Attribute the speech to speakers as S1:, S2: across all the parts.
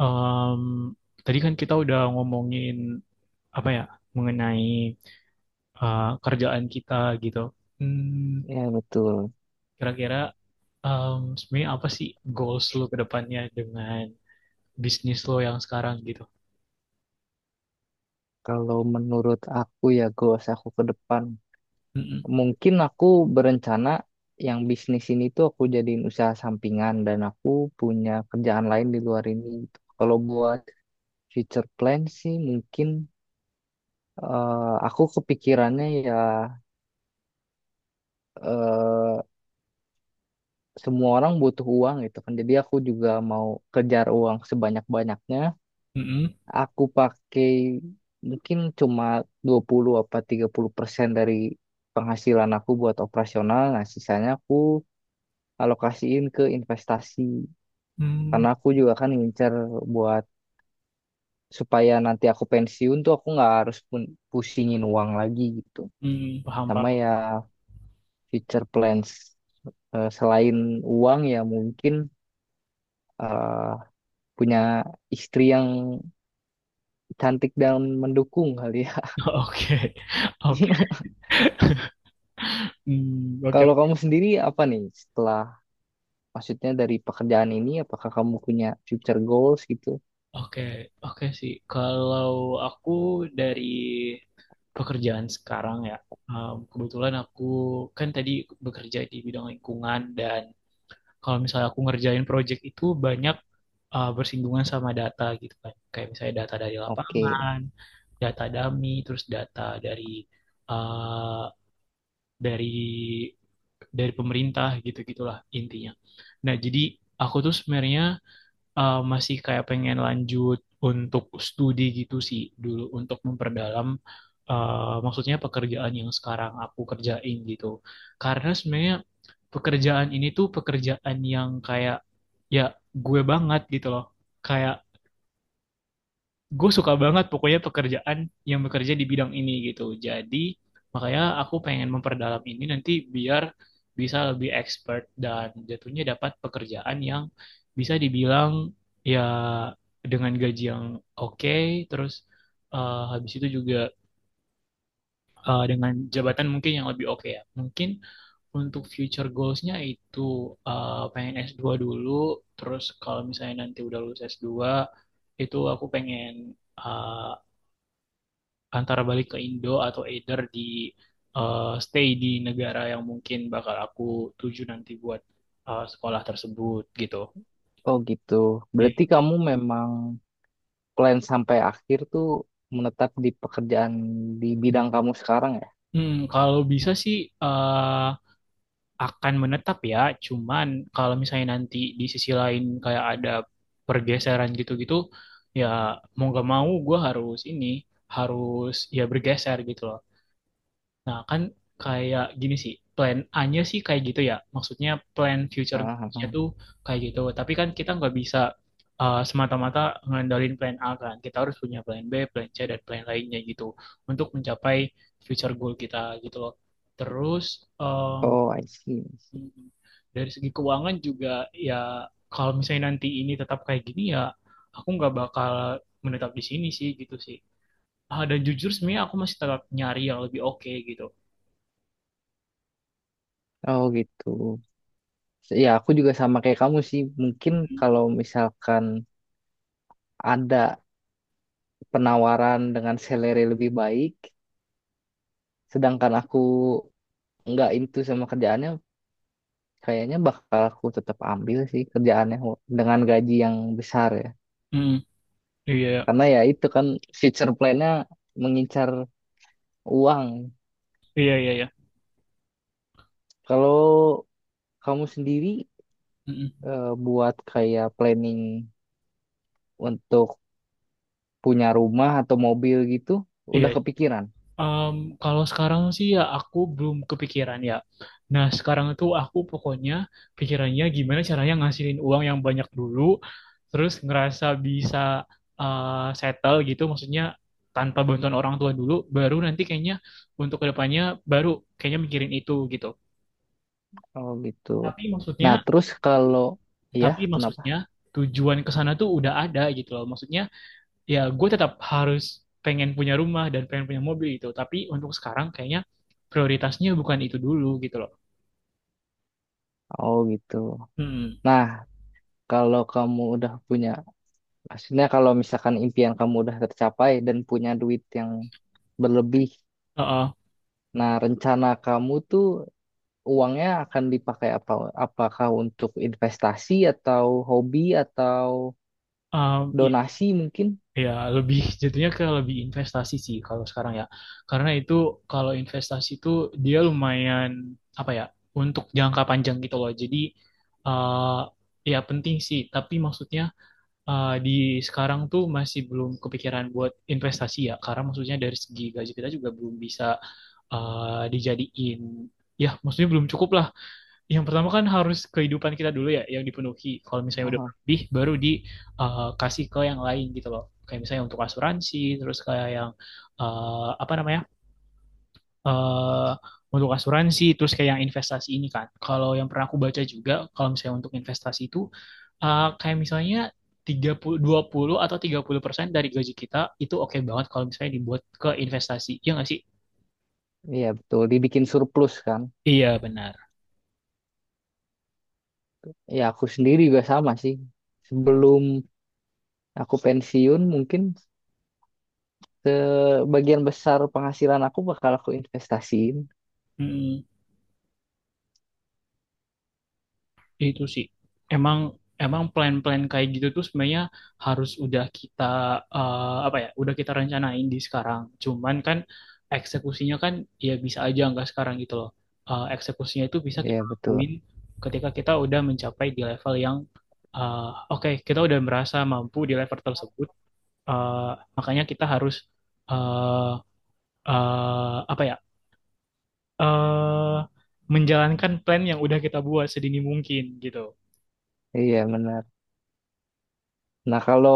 S1: Em, tadi kan kita udah ngomongin apa ya mengenai kerjaan kita gitu. Hmm,
S2: Ya betul.
S1: kira-kira sebenarnya apa sih goals lo ke depannya dengan bisnis lo yang sekarang gitu?
S2: Kalau menurut aku ya goals aku ke depan,
S1: Mm-mm,
S2: mungkin aku berencana yang bisnis ini tuh aku jadiin usaha sampingan dan aku punya kerjaan lain di luar ini. Kalau buat future plan sih mungkin eh, aku kepikirannya ya, eh, semua orang butuh uang gitu kan. Jadi aku juga mau kejar uang sebanyak-banyaknya.
S1: mm-mm,
S2: Aku pakai mungkin cuma 20 apa 30% dari penghasilan aku buat operasional. Nah, sisanya aku alokasiin ke investasi.
S1: mm,
S2: Karena aku juga kan ngincer buat supaya nanti aku pensiun tuh aku nggak harus pusingin uang lagi gitu.
S1: mm, paham Pak.
S2: Sama ya future plans. Selain uang ya mungkin eh, punya istri yang cantik dan mendukung kali ya.
S1: Oke, oke. Hmm, oke,
S2: Kalau kamu sendiri apa nih setelah? Maksudnya, dari pekerjaan ini apakah kamu punya future goals gitu?
S1: oke, oke sih. Kalau aku dari pekerjaan sekarang ya. Kebetulan aku kan tadi bekerja di bidang lingkungan dan kalau misalnya aku ngerjain project itu banyak bersinggungan sama data gitu kan. Kayak misalnya data dari
S2: Oke.
S1: lapangan, data dummy, terus data dari uh, dari dari pemerintah gitu-gitulah intinya. Nah, jadi aku tuh sebenarnya masih kayak pengen lanjut untuk studi gitu sih dulu untuk memperdalam maksudnya pekerjaan yang sekarang aku kerjain gitu. Karena sebenarnya pekerjaan ini tuh pekerjaan yang kayak, ya, gue banget gitu loh. Kayak gue suka banget pokoknya pekerjaan yang bekerja di bidang ini gitu. Jadi makanya aku pengen memperdalam ini nanti biar bisa lebih expert dan jatuhnya dapat pekerjaan yang bisa dibilang, ya, dengan gaji yang oke, terus habis itu juga dengan jabatan mungkin yang lebih oke ya. Mungkin untuk future goals-nya itu pengen S2 dulu, terus kalau misalnya nanti udah lulus S2 itu aku pengen eh, antara balik ke Indo atau either di stay di negara yang mungkin bakal aku tuju nanti buat sekolah tersebut gitu.
S2: Oh gitu. Berarti
S1: Iya.
S2: kamu memang plan sampai akhir tuh menetap di pekerjaan di bidang kamu sekarang ya?
S1: Kalau bisa sih eh, akan menetap ya, cuman kalau misalnya nanti di sisi lain kayak ada pergeseran gitu-gitu, ya mau gak mau gue harus ini, harus, ya, bergeser gitu loh. Nah, kan kayak gini sih, plan A-nya sih kayak gitu ya. Maksudnya plan future
S2: Ah, ah,
S1: nya
S2: ah.
S1: tuh kayak gitu. Tapi kan kita nggak bisa semata-mata ngandalin plan A kan. Kita harus punya plan B, plan C, dan plan lainnya gitu. Untuk mencapai future goal kita gitu loh. Terus um,
S2: Oh, I see.
S1: dari segi keuangan juga, ya, kalau misalnya nanti ini tetap kayak gini, ya, aku nggak bakal menetap di sini sih gitu sih. Ah, dan jujur sebenarnya aku masih tetap nyari yang lebih oke gitu.
S2: Oh gitu. Ya aku juga sama kayak kamu sih. Mungkin kalau misalkan ada penawaran dengan salary lebih baik, sedangkan aku nggak into sama kerjaannya, kayaknya bakal aku tetap ambil sih kerjaannya dengan gaji yang besar ya.
S1: Hmm. Iya,
S2: Karena ya itu kan future plan-nya mengincar uang.
S1: iya, iya, iya.
S2: Kalau kamu sendiri,
S1: Mm-mm.
S2: buat kayak planning untuk punya rumah atau mobil gitu,
S1: Iya.
S2: udah kepikiran.
S1: Em, kalau sekarang sih, ya, aku belum kepikiran ya. Nah, sekarang itu aku pokoknya pikirannya gimana caranya ngasilin uang yang banyak dulu, terus ngerasa bisa eh, settle gitu, maksudnya tanpa bantuan orang tua dulu, baru nanti kayaknya untuk kedepannya baru kayaknya mikirin itu gitu.
S2: Oh gitu.
S1: Tapi maksudnya,
S2: Nah, terus kalau ya
S1: tapi
S2: kenapa?
S1: maksudnya tujuan ke sana tuh udah ada gitu loh. Maksudnya, ya, gue tetap harus pengen punya rumah dan pengen punya mobil gitu. Tapi untuk sekarang kayaknya prioritasnya bukan itu dulu gitu loh.
S2: Oh gitu.
S1: Hmm.
S2: Nah, kalau kamu udah punya, maksudnya kalau misalkan impian kamu udah tercapai dan punya duit yang berlebih,
S1: Heeh.
S2: nah, rencana kamu tuh uangnya akan dipakai apa? Apakah untuk investasi atau hobi atau
S1: Um, i-
S2: donasi mungkin?
S1: ya, lebih jatuhnya ke lebih investasi sih kalau sekarang ya. Karena itu, kalau investasi itu, dia lumayan, apa ya, untuk jangka panjang gitu loh. Jadi eh ya penting sih. Tapi maksudnya di sekarang tuh masih belum kepikiran buat investasi ya. Karena maksudnya dari segi gaji kita juga belum bisa dijadiin, ya maksudnya belum cukup lah. Yang pertama kan harus kehidupan kita dulu ya yang dipenuhi, kalau misalnya udah
S2: Aha,
S1: berlebih baru dikasih ke yang lain gitu loh, kayak misalnya untuk asuransi, terus kayak yang apa namanya, eh untuk asuransi, terus kayak yang investasi ini kan, kalau yang pernah aku baca juga kalau misalnya untuk investasi itu kayak misalnya 30, 20 atau 30% dari gaji kita itu oke banget kalau misalnya dibuat ke investasi. Iya nggak sih?
S2: iya betul, dibikin surplus kan?
S1: Iya, benar.
S2: Ya aku sendiri juga sama sih. Sebelum aku pensiun mungkin sebagian besar penghasilan aku bakal aku investasiin.
S1: Mm, itu sih. Emang emang plan-plan kayak gitu tuh sebenarnya harus udah kita apa ya, udah kita rencanain di sekarang. Cuman kan eksekusinya kan, ya, bisa aja nggak sekarang gitu loh. Eksekusinya itu bisa kita
S2: Iya
S1: lakuin
S2: betul,
S1: ketika kita udah mencapai di level yang eh, oke, kita udah merasa mampu di level tersebut. Eh, makanya kita harus eh apa ya? eh Menjalankan plan yang udah kita buat sedini mungkin gitu.
S2: iya benar. Nah kalau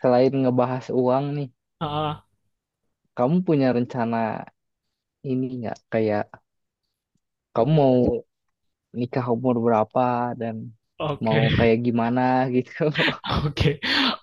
S2: selain ngebahas uang nih,
S1: Heeh.
S2: kamu punya rencana ini nggak? Kayak kamu mau nikah umur berapa dan
S1: Oke,
S2: mau kayak gimana gitu.
S1: oke,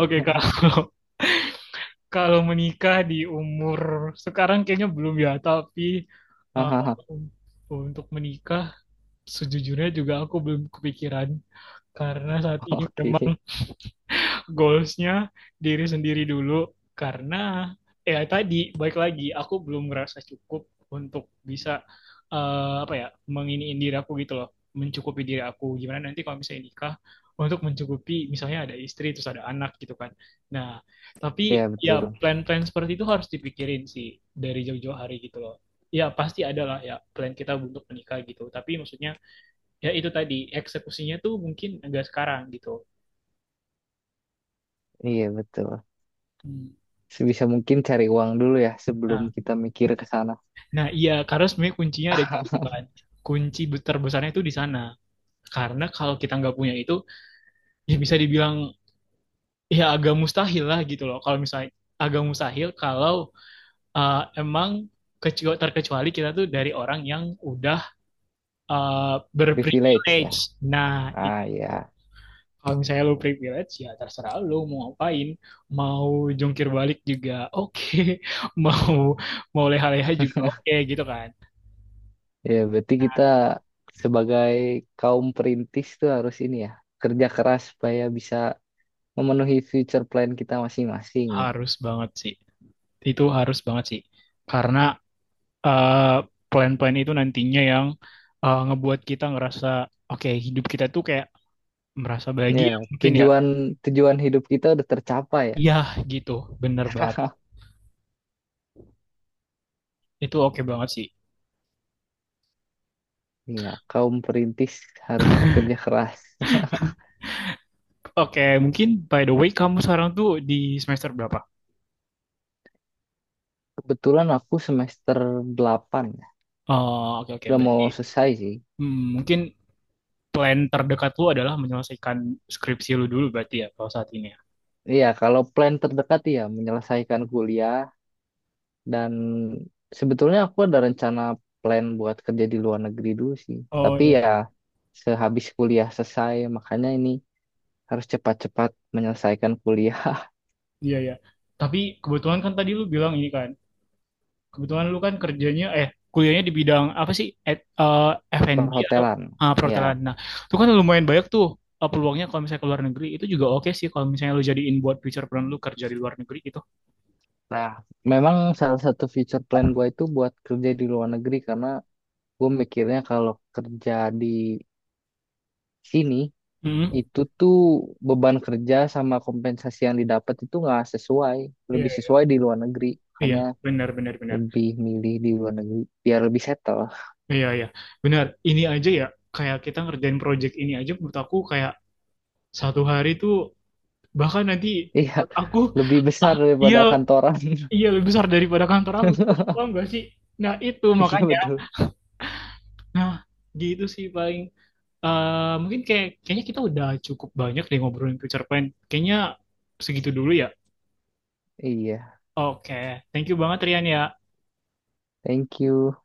S1: oke. Kalau kalau menikah di umur sekarang kayaknya belum ya, tapi eh,
S2: Hahaha.
S1: untuk menikah, sejujurnya juga aku belum kepikiran karena saat ini
S2: Oke,
S1: memang goalsnya diri sendiri dulu, karena ya tadi, baik lagi aku belum merasa cukup untuk bisa apa ya, menginiin diri aku gitu loh, mencukupi diri aku gimana nanti kalau misalnya nikah, untuk mencukupi misalnya ada istri terus ada anak gitu kan. Nah,
S2: iya
S1: tapi,
S2: betul,
S1: ya, plan-plan seperti itu harus dipikirin sih dari jauh-jauh hari gitu loh. Ya pasti ada lah ya plan kita untuk menikah gitu, tapi maksudnya ya itu tadi, eksekusinya tuh mungkin enggak sekarang gitu.
S2: iya betul.
S1: Hmm.
S2: Sebisa mungkin cari uang dulu ya sebelum
S1: nah
S2: kita mikir ke sana.
S1: Nah, iya, karena sebenarnya kuncinya ada di situ kan. Kunci terbesarnya itu di sana. Karena kalau kita nggak punya itu, ya bisa dibilang, ya, agak mustahil lah gitu loh. Kalau misalnya agak mustahil kalau emang terkecuali kita tuh dari orang yang udah
S2: Privilege ya.
S1: berprivilege. Nah, itu.
S2: Ah ya,
S1: Kalau misalnya lu privilege, ya terserah lu mau ngapain. Mau jungkir balik juga oke. Okay. Mau mau leha-leha juga oke okay, gitu kan.
S2: ya berarti kita sebagai kaum perintis tuh harus ini ya kerja keras supaya bisa memenuhi future plan kita masing-masing.
S1: Harus banget sih. Itu harus banget sih. Karena eh, plan-plan itu nantinya yang ngebuat kita ngerasa oke, hidup kita tuh kayak merasa
S2: Ya,
S1: bahagia mungkin ya.
S2: tujuan tujuan hidup kita udah tercapai ya.
S1: Iya, gitu. Bener banget. Itu oke banget sih.
S2: Iya, kaum perintis harus kerja keras.
S1: Oke, mungkin by the way kamu sekarang tuh di semester berapa?
S2: Kebetulan aku semester 8, ya.
S1: Oh, oke oke.
S2: Udah mau
S1: Berarti
S2: selesai sih.
S1: mungkin plan terdekat lu adalah menyelesaikan skripsi lu dulu berarti ya kalau saat ini ya.
S2: Iya, kalau plan terdekat ya menyelesaikan kuliah dan sebetulnya aku ada rencana plan buat kerja di luar negeri dulu sih.
S1: Oh
S2: Tapi
S1: ya,
S2: ya sehabis kuliah selesai, makanya ini harus cepat-cepat menyelesaikan kuliah.
S1: iya ya. Tapi kebetulan kan tadi lu bilang ini kan, kebetulan lu kan kerjanya, eh, kuliahnya di bidang apa sih? F&B atau
S2: Perhotelan.
S1: ah,
S2: Ya,
S1: perhotelan. Nah, itu kan lumayan banyak tuh peluangnya kalau misalnya ke luar negeri itu juga oke sih kalau misalnya lu jadiin buat future plan lu kerja di luar negeri gitu.
S2: nah memang salah satu future plan gue itu buat kerja di luar negeri. Karena gue mikirnya kalau kerja di sini
S1: Mm-mm.
S2: itu tuh beban kerja sama kompensasi yang didapat itu nggak sesuai,
S1: Iya,
S2: lebih
S1: iya.
S2: sesuai di luar negeri.
S1: Iya,
S2: Makanya
S1: benar benar benar.
S2: lebih milih di luar negeri biar lebih settle.
S1: Iya, iya. Benar. Ini aja ya kayak kita ngerjain project ini aja menurut aku kayak satu hari tuh bahkan nanti
S2: Iya,
S1: menurut aku,
S2: lebih besar
S1: ah, iya
S2: daripada kantoran.
S1: iya lebih besar daripada kantor aku gitu. Paham gak sih? Nah, itu
S2: Iya
S1: makanya.
S2: betul.
S1: Nah, gitu sih paling. Mungkin kayak kayaknya kita udah cukup banyak deh ngobrolin future plan. Kayaknya segitu dulu ya.
S2: Iya,
S1: Oke, okay. Thank you banget Rian ya.
S2: thank you.